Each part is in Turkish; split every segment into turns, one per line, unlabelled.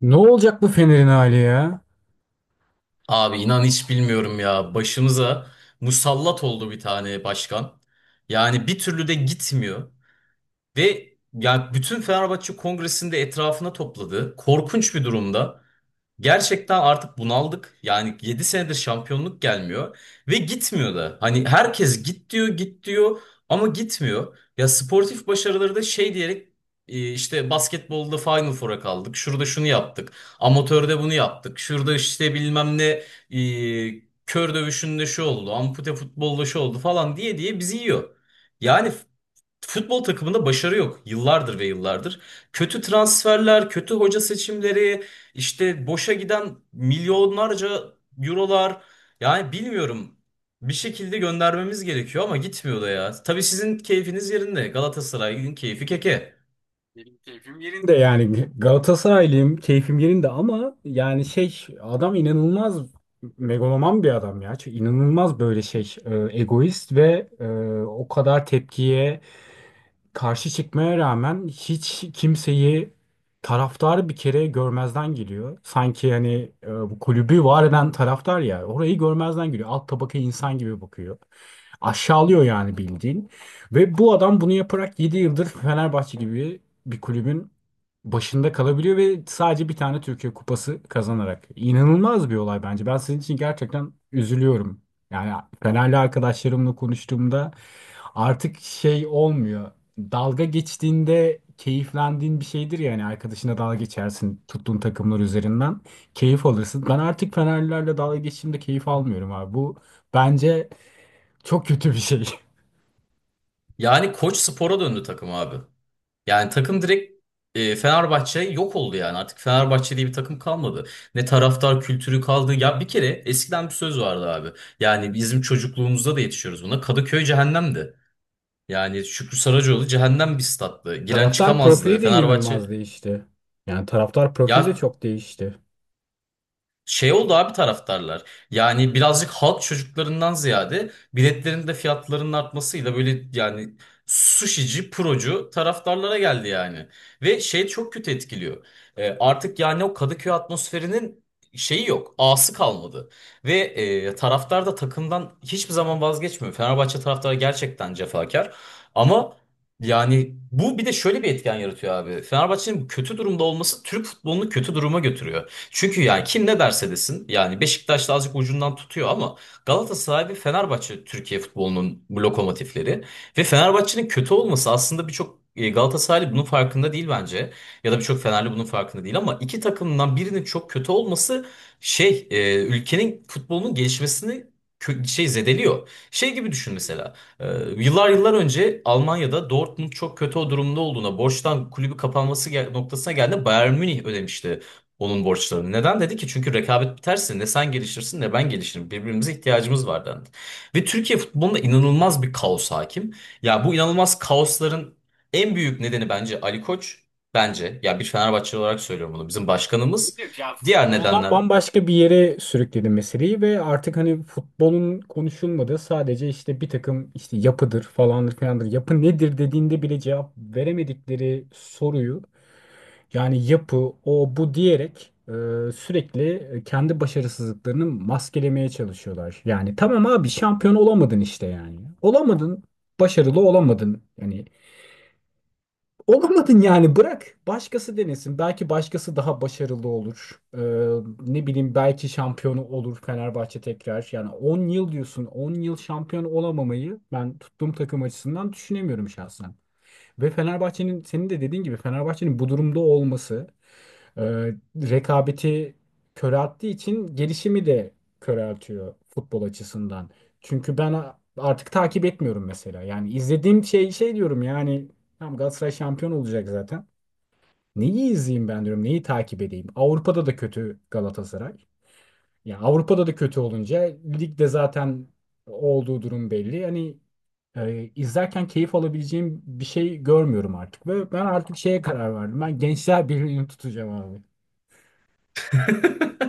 Ne olacak bu Fener'in hali ya?
Abi inan hiç bilmiyorum ya. Başımıza musallat oldu bir tane başkan. Yani bir türlü de gitmiyor. Ve ya bütün Fenerbahçe Kongresi'nde etrafına topladı. Korkunç bir durumda. Gerçekten artık bunaldık. Yani 7 senedir şampiyonluk gelmiyor ve gitmiyor da. Hani herkes git diyor, git diyor ama gitmiyor. Ya sportif başarıları da şey diyerek işte basketbolda Final Four'a kaldık. Şurada şunu yaptık. Amatörde bunu yaptık. Şurada işte bilmem ne kör dövüşünde şu oldu. Ampute futbolda şu oldu falan diye diye bizi yiyor. Yani futbol takımında başarı yok. Yıllardır ve yıllardır. Kötü transferler, kötü hoca seçimleri, işte boşa giden milyonlarca eurolar. Yani bilmiyorum. Bir şekilde göndermemiz gerekiyor ama gitmiyor da ya. Tabii sizin keyfiniz yerinde. Galatasaray'ın keyfi keke.
Ben de yani Galatasaraylıyım, keyfim yerinde ama adam inanılmaz megaloman bir adam ya. Çünkü inanılmaz egoist ve o kadar tepkiye karşı çıkmaya rağmen hiç kimseyi taraftarı bir kere görmezden geliyor. Sanki bu kulübü var eden taraftar ya orayı görmezden geliyor. Alt tabaka insan gibi bakıyor. Aşağılıyor yani bildiğin. Ve bu adam bunu yaparak 7 yıldır Fenerbahçe gibi bir kulübün başında kalabiliyor ve sadece bir tane Türkiye Kupası kazanarak. İnanılmaz bir olay bence. Ben sizin için gerçekten üzülüyorum. Yani Fenerli arkadaşlarımla konuştuğumda artık şey olmuyor. Dalga geçtiğinde keyiflendiğin bir şeydir ya hani arkadaşına dalga geçersin tuttuğun takımlar üzerinden keyif alırsın. Ben artık Fenerlilerle dalga geçtiğimde keyif almıyorum abi. Bu bence çok kötü bir şey.
Yani koç spora döndü takım abi. Yani takım direkt Fenerbahçe yok oldu yani. Artık Fenerbahçe diye bir takım kalmadı. Ne taraftar kültürü kaldı. Ya bir kere eskiden bir söz vardı abi. Yani bizim çocukluğumuzda da yetişiyoruz buna. Kadıköy cehennemdi. Yani Şükrü Saracoğlu cehennem bir stattı. Giren
Taraftar
çıkamazdı.
profili de
Fenerbahçe
inanılmaz değişti. Yani taraftar profili de
ya.
çok değişti.
Şey oldu abi, taraftarlar. Yani birazcık halk çocuklarından ziyade biletlerin de fiyatlarının artmasıyla böyle yani sushici, procu taraftarlara geldi yani. Ve şey çok kötü etkiliyor. Artık yani o Kadıköy atmosferinin şeyi yok. A'sı kalmadı. Ve taraftar da takımdan hiçbir zaman vazgeçmiyor. Fenerbahçe taraftarı gerçekten cefakar. Ama yani bu bir de şöyle bir etken yaratıyor abi. Fenerbahçe'nin bu kötü durumda olması Türk futbolunu kötü duruma götürüyor. Çünkü yani kim ne derse desin yani Beşiktaş'ta azıcık ucundan tutuyor ama Galatasaray ve Fenerbahçe Türkiye futbolunun bu lokomotifleri ve Fenerbahçe'nin kötü olması aslında birçok Galatasaraylı bunun farkında değil bence ya da birçok Fenerli bunun farkında değil ama iki takımdan birinin çok kötü olması şey ülkenin futbolunun gelişmesini şey zedeliyor. Şey gibi düşün mesela. Yıllar yıllar önce Almanya'da Dortmund çok kötü o durumda olduğuna, borçtan kulübü kapanması noktasına geldiğinde Bayern Münih ödemişti onun borçlarını. Neden dedi ki? Çünkü rekabet biterse ne sen gelişirsin ne ben gelişirim. Birbirimize ihtiyacımız var dendi. Ve Türkiye futbolunda inanılmaz bir kaos hakim. Ya bu inanılmaz kaosların en büyük nedeni bence Ali Koç. Bence ya bir Fenerbahçeli olarak söylüyorum bunu. Bizim başkanımız. Diğer
Futboldan
nedenler...
bambaşka bir yere sürükledi meseleyi ve artık hani futbolun konuşulmadığı, sadece işte bir takım işte yapıdır falandır filandır, yapı nedir dediğinde bile cevap veremedikleri soruyu, yani yapı, o bu diyerek sürekli kendi başarısızlıklarını maskelemeye çalışıyorlar. Yani tamam abi şampiyon olamadın işte yani. Olamadın, başarılı olamadın. Yani olamadın, yani bırak başkası denesin. Belki başkası daha başarılı olur. Ne bileyim, belki şampiyonu olur Fenerbahçe tekrar. Yani 10 yıl diyorsun, 10 yıl şampiyon olamamayı ben tuttuğum takım açısından düşünemiyorum şahsen. Ve Fenerbahçe'nin, senin de dediğin gibi, Fenerbahçe'nin bu durumda olması e, rekabeti körelttiği için gelişimi de köreltiyor futbol açısından. Çünkü ben artık takip etmiyorum mesela. Yani izlediğim şey diyorum, yani tam Galatasaray şampiyon olacak zaten. Neyi izleyeyim ben diyorum, neyi takip edeyim? Avrupa'da da kötü Galatasaray. Ya Avrupa'da da kötü olunca ligde zaten olduğu durum belli. İzlerken keyif alabileceğim bir şey görmüyorum artık ve ben artık şeye karar verdim. Ben Gençler Birliği'ni tutacağım abi.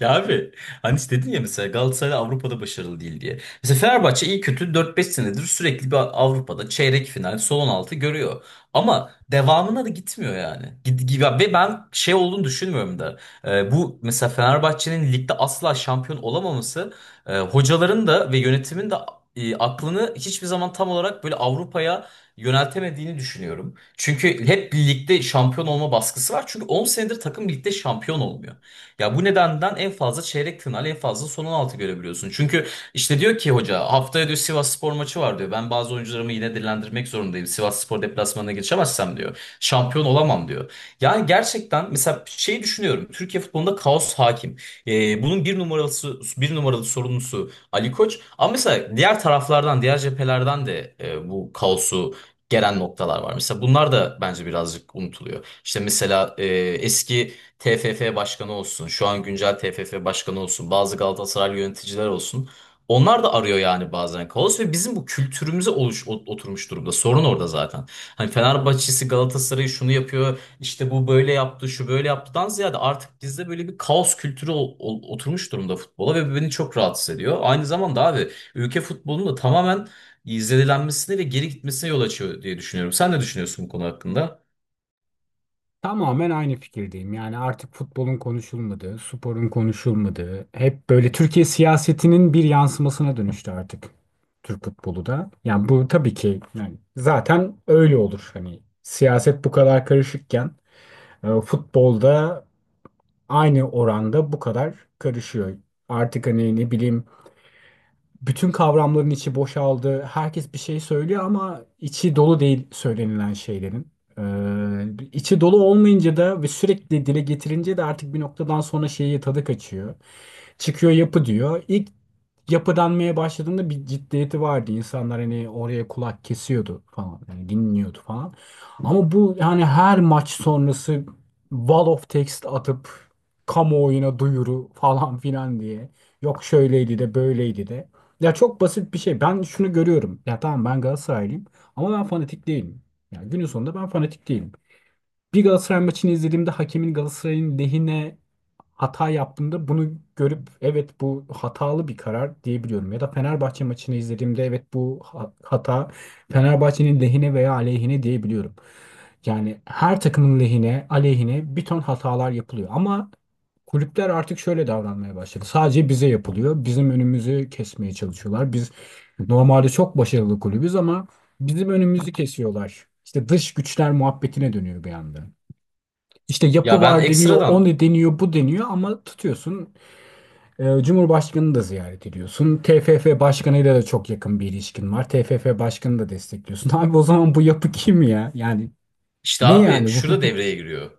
Ya abi hani işte dedin ya mesela Galatasaray Avrupa'da başarılı değil diye. Mesela Fenerbahçe iyi kötü 4-5 senedir sürekli bir Avrupa'da çeyrek final, son 16 görüyor. Ama devamına da gitmiyor yani. Ve ben şey olduğunu düşünmüyorum da. Bu mesela Fenerbahçe'nin ligde asla şampiyon olamaması hocaların da ve yönetimin de aklını hiçbir zaman tam olarak böyle Avrupa'ya yöneltemediğini düşünüyorum. Çünkü hep birlikte şampiyon olma baskısı var. Çünkü 10 senedir takım birlikte şampiyon olmuyor. Ya bu nedenden en fazla çeyrek final en fazla son 16 görebiliyorsun. Çünkü işte diyor ki hoca haftaya diyor Sivasspor maçı var diyor. Ben bazı oyuncularımı yine dinlendirmek zorundayım. Sivasspor deplasmanına geçemezsem diyor. Şampiyon olamam diyor. Yani gerçekten mesela şeyi düşünüyorum. Türkiye futbolunda kaos hakim. Bunun bir numaralısı bir numaralı sorumlusu Ali Koç. Ama mesela diğer taraflardan, diğer cephelerden de bu kaosu gelen noktalar var. Mesela bunlar da bence birazcık unutuluyor. İşte mesela eski TFF başkanı olsun, şu an güncel TFF başkanı olsun, bazı Galatasaray yöneticiler olsun. Onlar da arıyor yani bazen kaos ve bizim bu kültürümüze oturmuş durumda. Sorun orada zaten. Hani Fenerbahçe'si Galatasaray'ı şunu yapıyor, işte bu böyle yaptı, şu böyle yaptıdan ziyade artık bizde böyle bir kaos kültürü oturmuş durumda futbola ve bu beni çok rahatsız ediyor. Aynı zamanda abi ülke futbolunun da tamamen izledilenmesine ve geri gitmesine yol açıyor diye düşünüyorum. Sen ne düşünüyorsun bu konu hakkında?
Tamamen aynı fikirdeyim. Yani artık futbolun konuşulmadığı, sporun konuşulmadığı, hep böyle Türkiye siyasetinin bir yansımasına dönüştü artık Türk futbolu da. Yani bu tabii ki yani zaten öyle olur. Hani siyaset bu kadar karışıkken futbolda aynı oranda bu kadar karışıyor. Artık hani ne bileyim bütün kavramların içi boşaldı. Herkes bir şey söylüyor ama içi dolu değil söylenilen şeylerin. İçi dolu olmayınca da ve sürekli dile getirince de artık bir noktadan sonra şeyi tadı kaçıyor. Çıkıyor yapı diyor. İlk yapılanmaya başladığında bir ciddiyeti vardı. İnsanlar hani oraya kulak kesiyordu falan. Yani dinliyordu falan. Ama bu yani her maç sonrası wall of text atıp kamuoyuna duyuru falan filan diye. Yok şöyleydi de böyleydi de. Ya çok basit bir şey. Ben şunu görüyorum. Ya tamam, ben Galatasaraylıyım ama ben fanatik değilim. Yani günün sonunda ben fanatik değilim. Bir Galatasaray maçını izlediğimde hakemin Galatasaray'ın lehine hata yaptığımda bunu görüp evet bu hatalı bir karar diyebiliyorum. Ya da Fenerbahçe maçını izlediğimde evet bu hata Fenerbahçe'nin lehine veya aleyhine diyebiliyorum. Yani her takımın lehine, aleyhine bir ton hatalar yapılıyor. Ama kulüpler artık şöyle davranmaya başladı. Sadece bize yapılıyor. Bizim önümüzü kesmeye çalışıyorlar. Biz normalde çok başarılı kulübüz ama bizim önümüzü kesiyorlar. İşte dış güçler muhabbetine dönüyor bir anda. İşte yapı
Ya ben
var deniyor, o
ekstradan.
ne deniyor, bu deniyor ama tutuyorsun. Cumhurbaşkanını da ziyaret ediyorsun. TFF başkanıyla da çok yakın bir ilişkin var. TFF başkanını da destekliyorsun. Abi o zaman bu yapı kim ya? Yani
İşte
ne
abi
yani bu?
şurada devreye giriyor.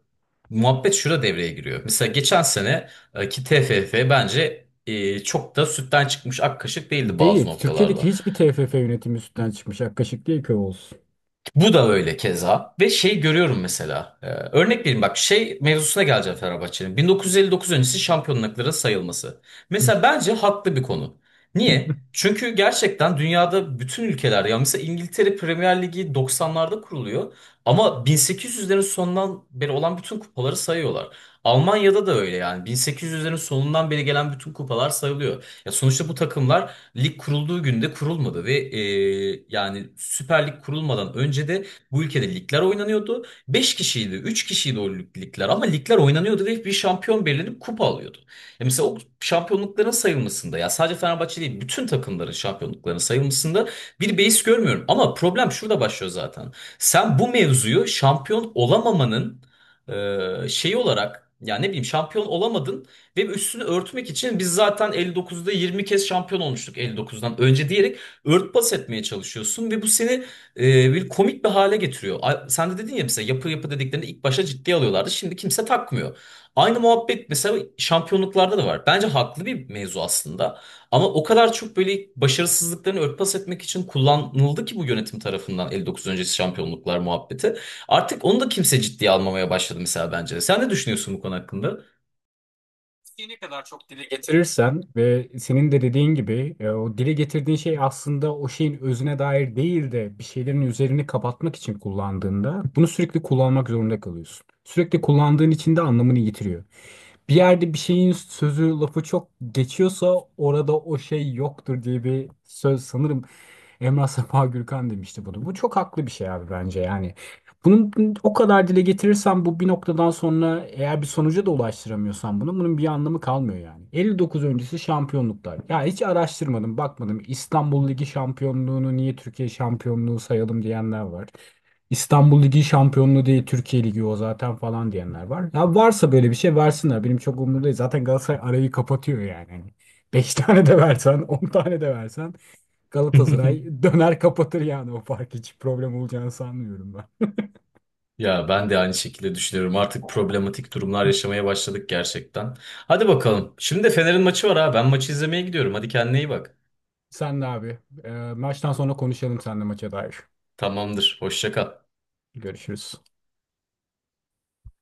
Muhabbet şurada devreye giriyor. Mesela geçen sene ki TFF bence çok da sütten çıkmış ak kaşık değildi bazı
Değil. Türkiye'deki
noktalarda.
hiçbir TFF yönetimi üstünden çıkmış. Ak kaşık değil köy olsun.
Bu da öyle keza ve şey görüyorum mesela örnek vereyim bak şey mevzusuna geleceğim Fenerbahçe'nin 1959 öncesi şampiyonluklara sayılması. Mesela bence haklı bir konu. Niye? Çünkü gerçekten dünyada bütün ülkeler ya mesela İngiltere Premier Ligi 90'larda kuruluyor ama 1800'lerin sonundan beri olan bütün kupaları sayıyorlar. Almanya'da da öyle yani 1800'lerin sonundan beri gelen bütün kupalar sayılıyor. Ya sonuçta bu takımlar lig kurulduğu günde kurulmadı ve yani Süper Lig kurulmadan önce de bu ülkede ligler oynanıyordu. 5 kişiydi, 3 kişiydi o ligler ama ligler oynanıyordu ve bir şampiyon belirlenip kupa alıyordu. Ya mesela o şampiyonlukların sayılmasında ya sadece Fenerbahçe değil bütün takımların şampiyonluklarının sayılmasında bir beis görmüyorum. Ama problem şurada başlıyor zaten. Sen bu mevzuyu şampiyon olamamanın şeyi olarak ya ne bileyim şampiyon olamadın ve üstünü örtmek için biz zaten 59'da 20 kez şampiyon olmuştuk 59'dan önce diyerek örtbas etmeye çalışıyorsun ve bu seni bir komik bir hale getiriyor. Sen de dedin ya mesela yapı yapı dediklerini ilk başta ciddiye alıyorlardı şimdi kimse takmıyor. Aynı muhabbet mesela şampiyonluklarda da var. Bence haklı bir mevzu aslında ama o kadar çok böyle başarısızlıklarını örtbas etmek için kullanıldı ki bu yönetim tarafından 59 öncesi şampiyonluklar muhabbeti. Artık onu da kimse ciddiye almamaya başladı mesela bence. Sen ne düşünüyorsun bu konu hakkında?
Ne kadar çok dile getirirsen ve senin de dediğin gibi, o dile getirdiğin şey aslında o şeyin özüne dair değil de bir şeylerin üzerini kapatmak için kullandığında bunu sürekli kullanmak zorunda kalıyorsun. Sürekli kullandığın için de anlamını yitiriyor. Bir yerde bir şeyin sözü, lafı çok geçiyorsa orada o şey yoktur diye bir söz, sanırım Emrah Safa Gürkan demişti bunu. Bu çok haklı bir şey abi bence yani. Bunu o kadar dile getirirsen bu bir noktadan sonra, eğer bir sonuca da ulaştıramıyorsan bunu, bunun bir anlamı kalmıyor yani. 59 öncesi şampiyonluklar. Ya hiç araştırmadım, bakmadım. İstanbul Ligi şampiyonluğunu niye Türkiye şampiyonluğu sayalım diyenler var. İstanbul Ligi şampiyonluğu değil Türkiye Ligi o zaten falan diyenler var. Ya varsa böyle bir şey versinler. Benim çok umurumda değil. Zaten Galatasaray arayı kapatıyor yani. 5 tane de versen, 10 tane de versen Galatasaray döner kapatır yani, o fark hiç problem olacağını sanmıyorum ben.
Ya ben de aynı şekilde düşünüyorum. Artık problematik durumlar yaşamaya başladık gerçekten. Hadi bakalım. Şimdi de Fener'in maçı var ha. Ben maçı izlemeye gidiyorum. Hadi kendine iyi bak.
Sen de abi. Maçtan sonra konuşalım seninle maça dair.
Tamamdır. Hoşça kal.
Görüşürüz.